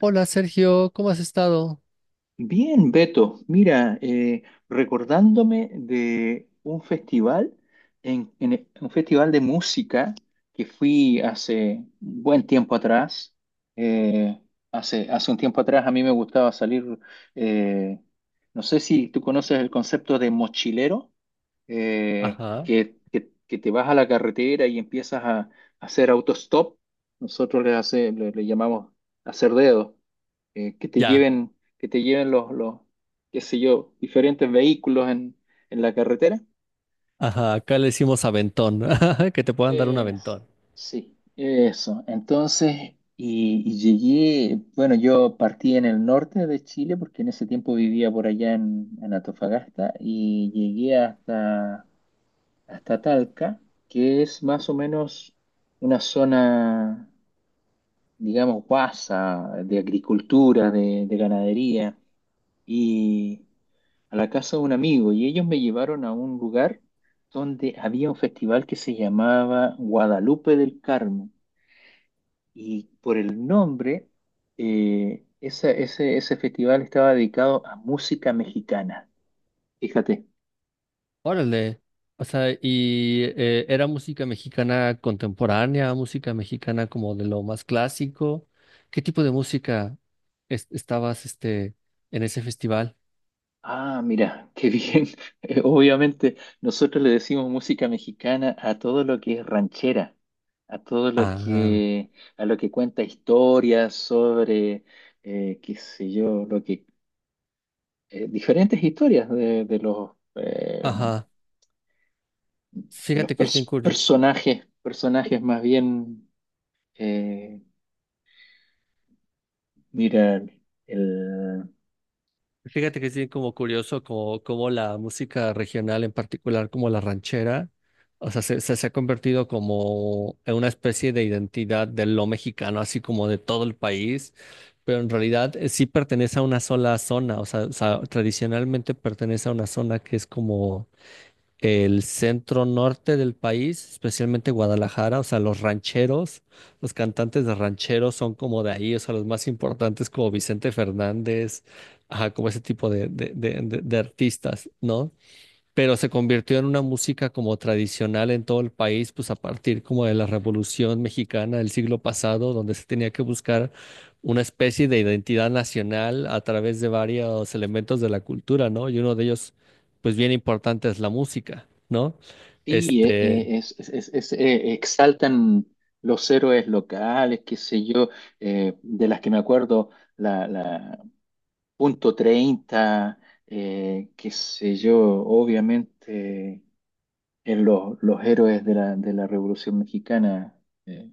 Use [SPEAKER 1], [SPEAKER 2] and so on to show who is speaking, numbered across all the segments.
[SPEAKER 1] Hola Sergio, ¿cómo has estado?
[SPEAKER 2] Bien, Beto, mira, recordándome de un festival, un festival de música que fui hace un buen tiempo atrás. eh, hace un tiempo atrás a mí me gustaba salir, eh, no sé si tú conoces el concepto de mochilero,
[SPEAKER 1] Ajá,
[SPEAKER 2] que te vas a la carretera y empiezas a hacer autostop. Nosotros le llamamos hacer dedo que te
[SPEAKER 1] ya.
[SPEAKER 2] lleven, que te lleven los, qué sé yo, diferentes vehículos en la carretera.
[SPEAKER 1] Ajá, acá le decimos aventón. Que te puedan dar un
[SPEAKER 2] Es-
[SPEAKER 1] aventón.
[SPEAKER 2] sí, eso. Entonces, y llegué, bueno, yo partí en el norte de Chile porque en ese tiempo vivía por allá en Antofagasta y llegué hasta, hasta Talca, que es más o menos una zona, digamos, guasa de agricultura, de ganadería. Y a la casa de un amigo y ellos me llevaron a un lugar donde había un festival que se llamaba Guadalupe del Carmen y por el nombre, ese festival estaba dedicado a música mexicana. Fíjate.
[SPEAKER 1] Órale. O sea, y era música mexicana contemporánea, música mexicana como de lo más clásico. ¿Qué tipo de música estabas en ese festival?
[SPEAKER 2] Ah, mira, qué bien. Obviamente nosotros le decimos música mexicana a todo lo que es ranchera, a todo lo
[SPEAKER 1] Ah,
[SPEAKER 2] a lo que cuenta historias sobre, qué sé yo, lo que, diferentes historias
[SPEAKER 1] ajá.
[SPEAKER 2] de los
[SPEAKER 1] Fíjate que es bien curioso.
[SPEAKER 2] personajes, personajes más bien, eh, mira, el,
[SPEAKER 1] Fíjate que es bien como curioso como, como la música regional, en particular como la ranchera, o sea, se ha convertido como en una especie de identidad de lo mexicano, así como de todo el país, pero en realidad sí pertenece a una sola zona, o sea, tradicionalmente pertenece a una zona que es como el centro norte del país, especialmente Guadalajara, o sea, los rancheros, los cantantes de rancheros son como de ahí, o sea, los más importantes como Vicente Fernández, ajá, como ese tipo de artistas, ¿no? Pero se convirtió en una música como tradicional en todo el país, pues a partir como de la Revolución Mexicana del siglo pasado, donde se tenía que buscar una especie de identidad nacional a través de varios elementos de la cultura, ¿no? Y uno de ellos, pues bien importante, es la música, ¿no?
[SPEAKER 2] sí,
[SPEAKER 1] Este,
[SPEAKER 2] exaltan los héroes locales, qué sé yo, de las que me acuerdo, la punto treinta, qué sé yo, obviamente, en los héroes de de la Revolución Mexicana. eh,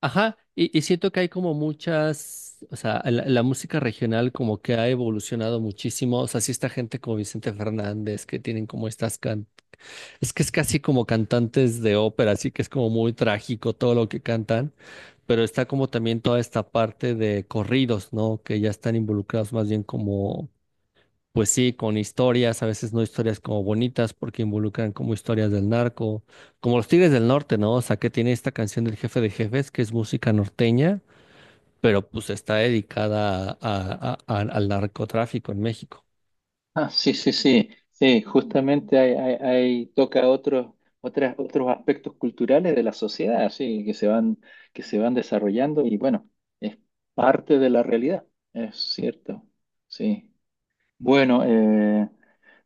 [SPEAKER 1] ajá, y siento que hay como muchas, o sea, la música regional como que ha evolucionado muchísimo, o sea, sí está gente como Vicente Fernández, que tienen como estas can. Es que es casi como cantantes de ópera, así que es como muy trágico todo lo que cantan, pero está como también toda esta parte de corridos, ¿no? Que ya están involucrados más bien como, pues sí, con historias, a veces no historias como bonitas, porque involucran como historias del narco, como los Tigres del Norte, ¿no? O sea, que tiene esta canción del Jefe de Jefes, que es música norteña, pero pues está dedicada al narcotráfico en México.
[SPEAKER 2] Ah, sí, sí, sí, sí, justamente toca otros, otros aspectos culturales de la sociedad, sí, que se van desarrollando y bueno, es parte de la realidad, es cierto, sí. Bueno,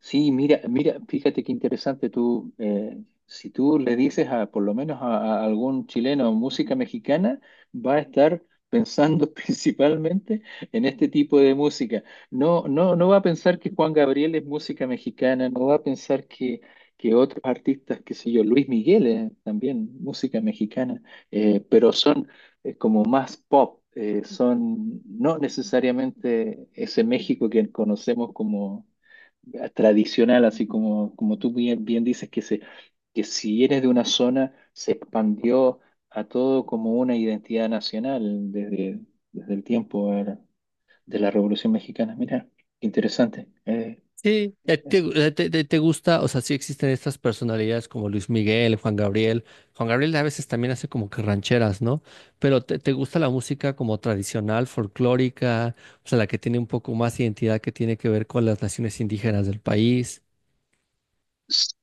[SPEAKER 2] sí, mira, mira, fíjate qué interesante tú, si tú le dices a, por lo menos a algún chileno música mexicana, va a estar pensando principalmente en este tipo de música. No, no, no va a pensar que Juan Gabriel es música mexicana, no va a pensar que otros artistas, qué sé yo, Luis Miguel es también música mexicana, pero son, como más pop, son no necesariamente ese México que conocemos como, tradicional, así como, como tú bien, bien dices, que, se, que si eres de una zona, se expandió a todo como una identidad nacional desde, desde el tiempo, de la Revolución Mexicana. Mira, qué interesante.
[SPEAKER 1] Sí, ¿a
[SPEAKER 2] Eh.
[SPEAKER 1] ti te gusta, o sea, sí existen estas personalidades como Luis Miguel, Juan Gabriel. Juan Gabriel a veces también hace como que rancheras, ¿no? Pero te gusta la música como tradicional, folclórica, o sea, la que tiene un poco más identidad que tiene que ver con las naciones indígenas del país.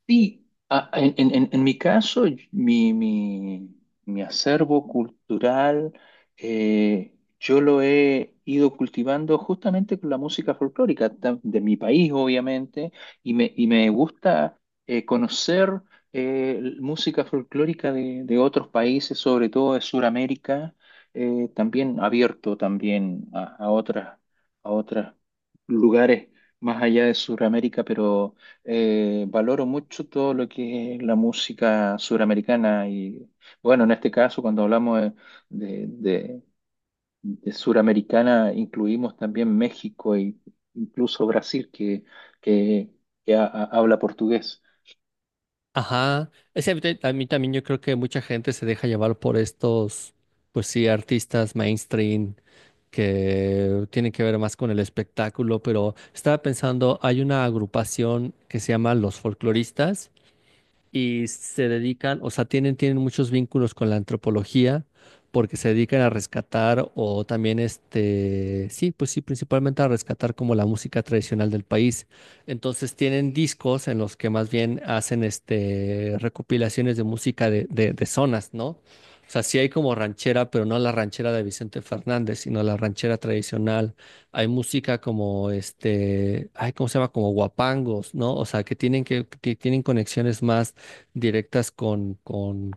[SPEAKER 2] Sí, ah, en mi caso, mi, mi- mi acervo cultural, yo lo he ido cultivando justamente con la música folclórica de mi país, obviamente, y me gusta, conocer, música folclórica de otros países, sobre todo de Sudamérica, también abierto también a otras, a otros lugares más allá de Sudamérica, pero valoro mucho todo lo que es la música suramericana y bueno, en este caso cuando hablamos de, de- de suramericana incluimos también México e incluso Brasil que, que habla portugués.
[SPEAKER 1] Ajá. Es, que a mí a mí también yo creo que mucha gente se deja llevar por estos, pues sí, artistas mainstream que tiene que ver más con el espectáculo, pero estaba pensando, hay una agrupación que se llama Los Folcloristas y se dedican, o sea, tienen, tienen muchos vínculos con la antropología porque se dedican a rescatar o también sí, pues sí, principalmente a rescatar como la música tradicional del país. Entonces tienen discos en los que más bien hacen este recopilaciones de música de zonas, ¿no? O sea, sí hay como ranchera, pero no la ranchera de Vicente Fernández, sino la ranchera tradicional. Hay música como este, ay, ¿cómo se llama? Como guapangos, ¿no? O sea, que tienen conexiones más directas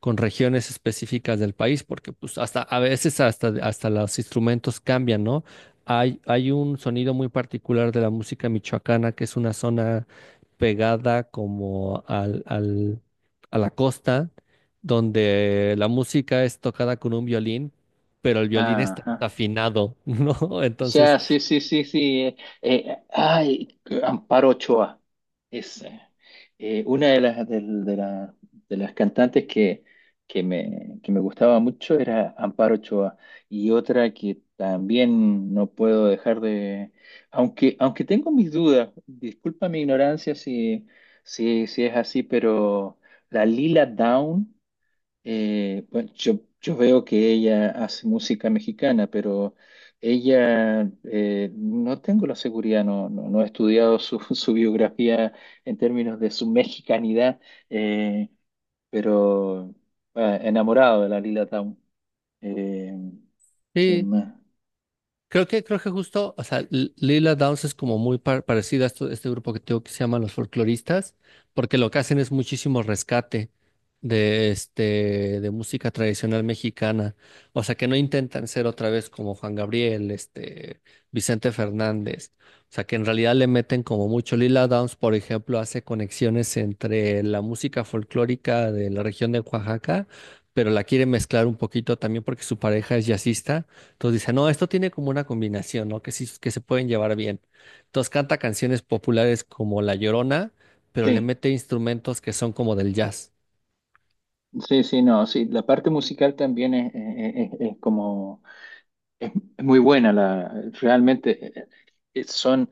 [SPEAKER 1] con regiones específicas del país, porque pues hasta a veces hasta los instrumentos cambian, ¿no? Hay un sonido muy particular de la música michoacana, que es una zona pegada como a la costa, donde la música es tocada con un violín, pero el violín está,
[SPEAKER 2] Ajá.
[SPEAKER 1] afinado, ¿no? Entonces,
[SPEAKER 2] Ya, sí, sí, sí, sí. eh, ay, Amparo Ochoa. Es, una de las, del- de, la- de las cantantes que me gustaba mucho era Amparo Ochoa. Y otra que también no puedo dejar de... Aunque, aunque tengo mis dudas, disculpa mi ignorancia si, si, si es así, pero la Lila Down. Bueno, yo veo que ella hace música mexicana, pero ella, no tengo la seguridad, no, no, no he estudiado su, su biografía en términos de su mexicanidad, eh, pero ah, enamorado de la Lila Town. Eh, ¿Quién
[SPEAKER 1] sí,
[SPEAKER 2] más?
[SPEAKER 1] creo que, creo que justo, o sea, Lila Downs es como muy parecida a este grupo que tengo que se llama los folcloristas, porque lo que hacen es muchísimo rescate de, este, de música tradicional mexicana. O sea, que no intentan ser otra vez como Juan Gabriel, este, Vicente Fernández. O sea, que en realidad le meten como mucho. Lila Downs, por ejemplo, hace conexiones entre la música folclórica de la región de Oaxaca, pero la quiere mezclar un poquito también porque su pareja es jazzista. Entonces dice, no, esto tiene como una combinación, ¿no? Que sí, que se pueden llevar bien. Entonces canta canciones populares como La Llorona, pero le
[SPEAKER 2] Sí,
[SPEAKER 1] mete instrumentos que son como del jazz.
[SPEAKER 2] sí, sí, no, sí, la parte musical también es, es como, es, es muy buena, la, realmente, son...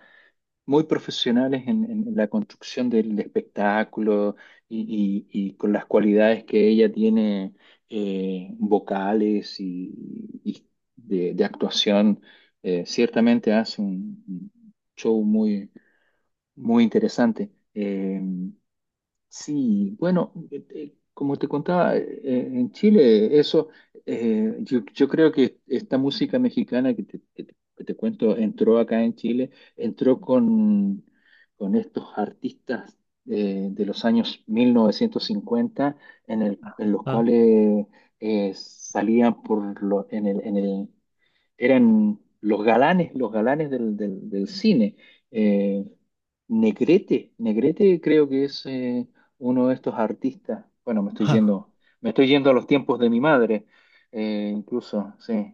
[SPEAKER 2] muy profesionales en la construcción del espectáculo y, y con las cualidades que ella tiene, vocales y de actuación, ciertamente hace un show muy, muy interesante. Sí, bueno, como te contaba, en Chile eso, yo, yo creo que esta música mexicana que te cuento entró acá en Chile, entró con estos artistas, de los años 1950, en los
[SPEAKER 1] Ah,
[SPEAKER 2] cuales, salían en en el, eran los galanes del cine. Eh, Negrete, Negrete creo que es, uno de estos artistas. Bueno,
[SPEAKER 1] ajá.
[SPEAKER 2] me estoy yendo a los tiempos de mi madre, incluso, sí.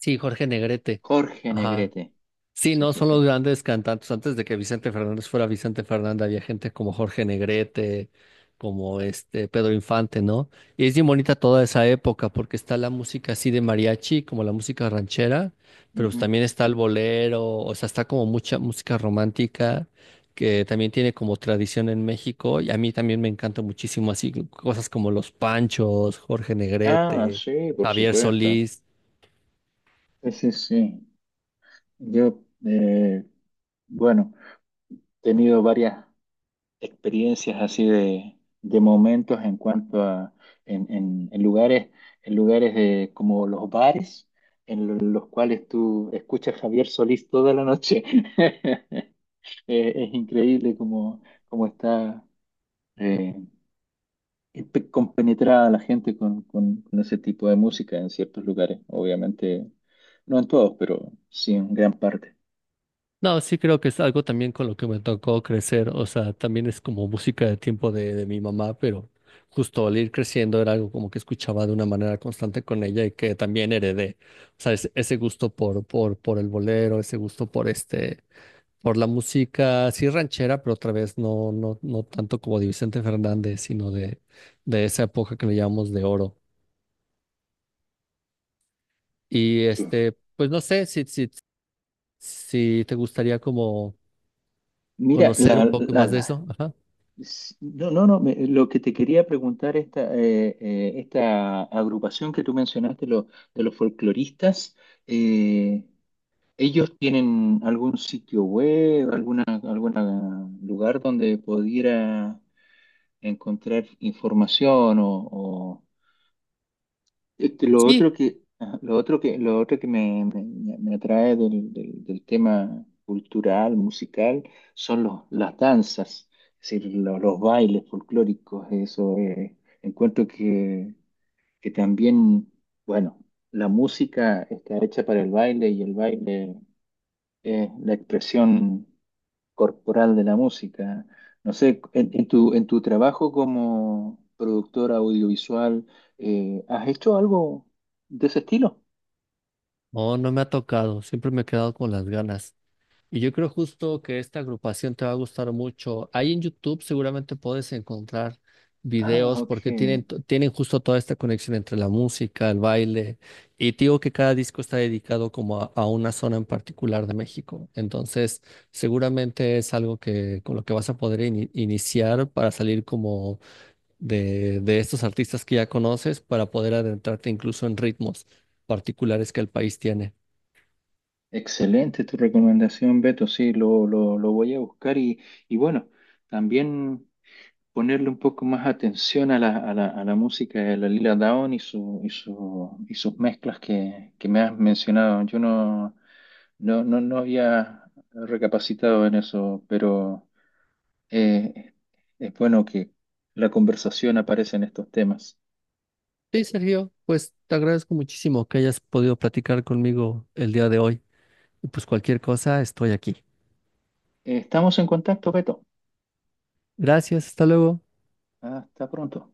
[SPEAKER 1] Sí, Jorge Negrete.
[SPEAKER 2] Jorge
[SPEAKER 1] Ajá.
[SPEAKER 2] Negrete.
[SPEAKER 1] Sí,
[SPEAKER 2] Sí,
[SPEAKER 1] no
[SPEAKER 2] sí,
[SPEAKER 1] son los
[SPEAKER 2] sí.
[SPEAKER 1] grandes cantantes. Antes de que Vicente Fernández fuera Vicente Fernández, había gente como Jorge Negrete, como este Pedro Infante, ¿no? Y es bien bonita toda esa época porque está la música así de mariachi, como la música ranchera, pero pues
[SPEAKER 2] Ujú.
[SPEAKER 1] también está el bolero, o sea, está como mucha música romántica que también tiene como tradición en México y a mí también me encanta muchísimo así cosas como Los Panchos, Jorge
[SPEAKER 2] Ah,
[SPEAKER 1] Negrete,
[SPEAKER 2] sí, por
[SPEAKER 1] Javier
[SPEAKER 2] supuesto.
[SPEAKER 1] Solís.
[SPEAKER 2] Sí, sí, sí. Yo, bueno, he tenido varias experiencias así de momentos en cuanto a en, en- en lugares, en lugares de, como los bares, los cuales tú escuchas a Javier Solís toda la noche. Es increíble cómo, cómo está, eh, compenetrada la gente con, con ese tipo de música en ciertos lugares. Obviamente, no en todos, pero sí en gran parte.
[SPEAKER 1] No, sí creo que es algo también con lo que me tocó crecer, o sea, también es como música de tiempo de mi mamá, pero justo al ir creciendo era algo como que escuchaba de una manera constante con ella y que también heredé, o sea, ese gusto por el bolero, ese gusto por este, por la música, sí ranchera, pero otra vez no tanto como de Vicente Fernández, sino de esa época que le llamamos de oro. Y
[SPEAKER 2] Sí.
[SPEAKER 1] este, pues no sé si te gustaría como
[SPEAKER 2] Mira,
[SPEAKER 1] conocer un poco más de eso. Ajá.
[SPEAKER 2] No, no, no, lo que te quería preguntar, esta, esta agrupación que tú mencionaste, de los folcloristas, eh, ¿ellos tienen algún sitio web, alguna, algún lugar donde pudiera encontrar información o, este, lo
[SPEAKER 1] Sí.
[SPEAKER 2] otro que, ajá, lo otro que me, me atrae del tema cultural, musical, son los, las danzas, es decir, los bailes folclóricos, eso, encuentro que también, bueno, la música está hecha para el baile y el baile es la expresión corporal de la música. No sé, en tu trabajo como productora audiovisual, ¿has hecho algo de ese estilo?
[SPEAKER 1] No, no me ha tocado. Siempre me he quedado con las ganas. Y yo creo justo que esta agrupación te va a gustar mucho. Ahí en YouTube seguramente puedes encontrar
[SPEAKER 2] Ah,
[SPEAKER 1] videos
[SPEAKER 2] ok.
[SPEAKER 1] porque tienen, tienen justo toda esta conexión entre la música, el baile. Y te digo que cada disco está dedicado como a una zona en particular de México. Entonces, seguramente es algo que con lo que vas a poder iniciar para salir como de estos artistas que ya conoces, para poder adentrarte incluso en ritmos particulares que el país tiene.
[SPEAKER 2] Excelente tu recomendación, Beto. Sí, lo voy a buscar y bueno, también ponerle un poco más atención a la, a la, a la música de la Lila Downs y, su, y, su, y sus mezclas que me has mencionado. Yo no, no, no, no había recapacitado en eso, pero... Eh, es bueno que la conversación aparece en estos temas.
[SPEAKER 1] Sí, Sergio, pues te agradezco muchísimo que hayas podido platicar conmigo el día de hoy. Y pues cualquier cosa, estoy aquí.
[SPEAKER 2] Estamos en contacto, Beto.
[SPEAKER 1] Gracias, hasta luego.
[SPEAKER 2] Hasta pronto.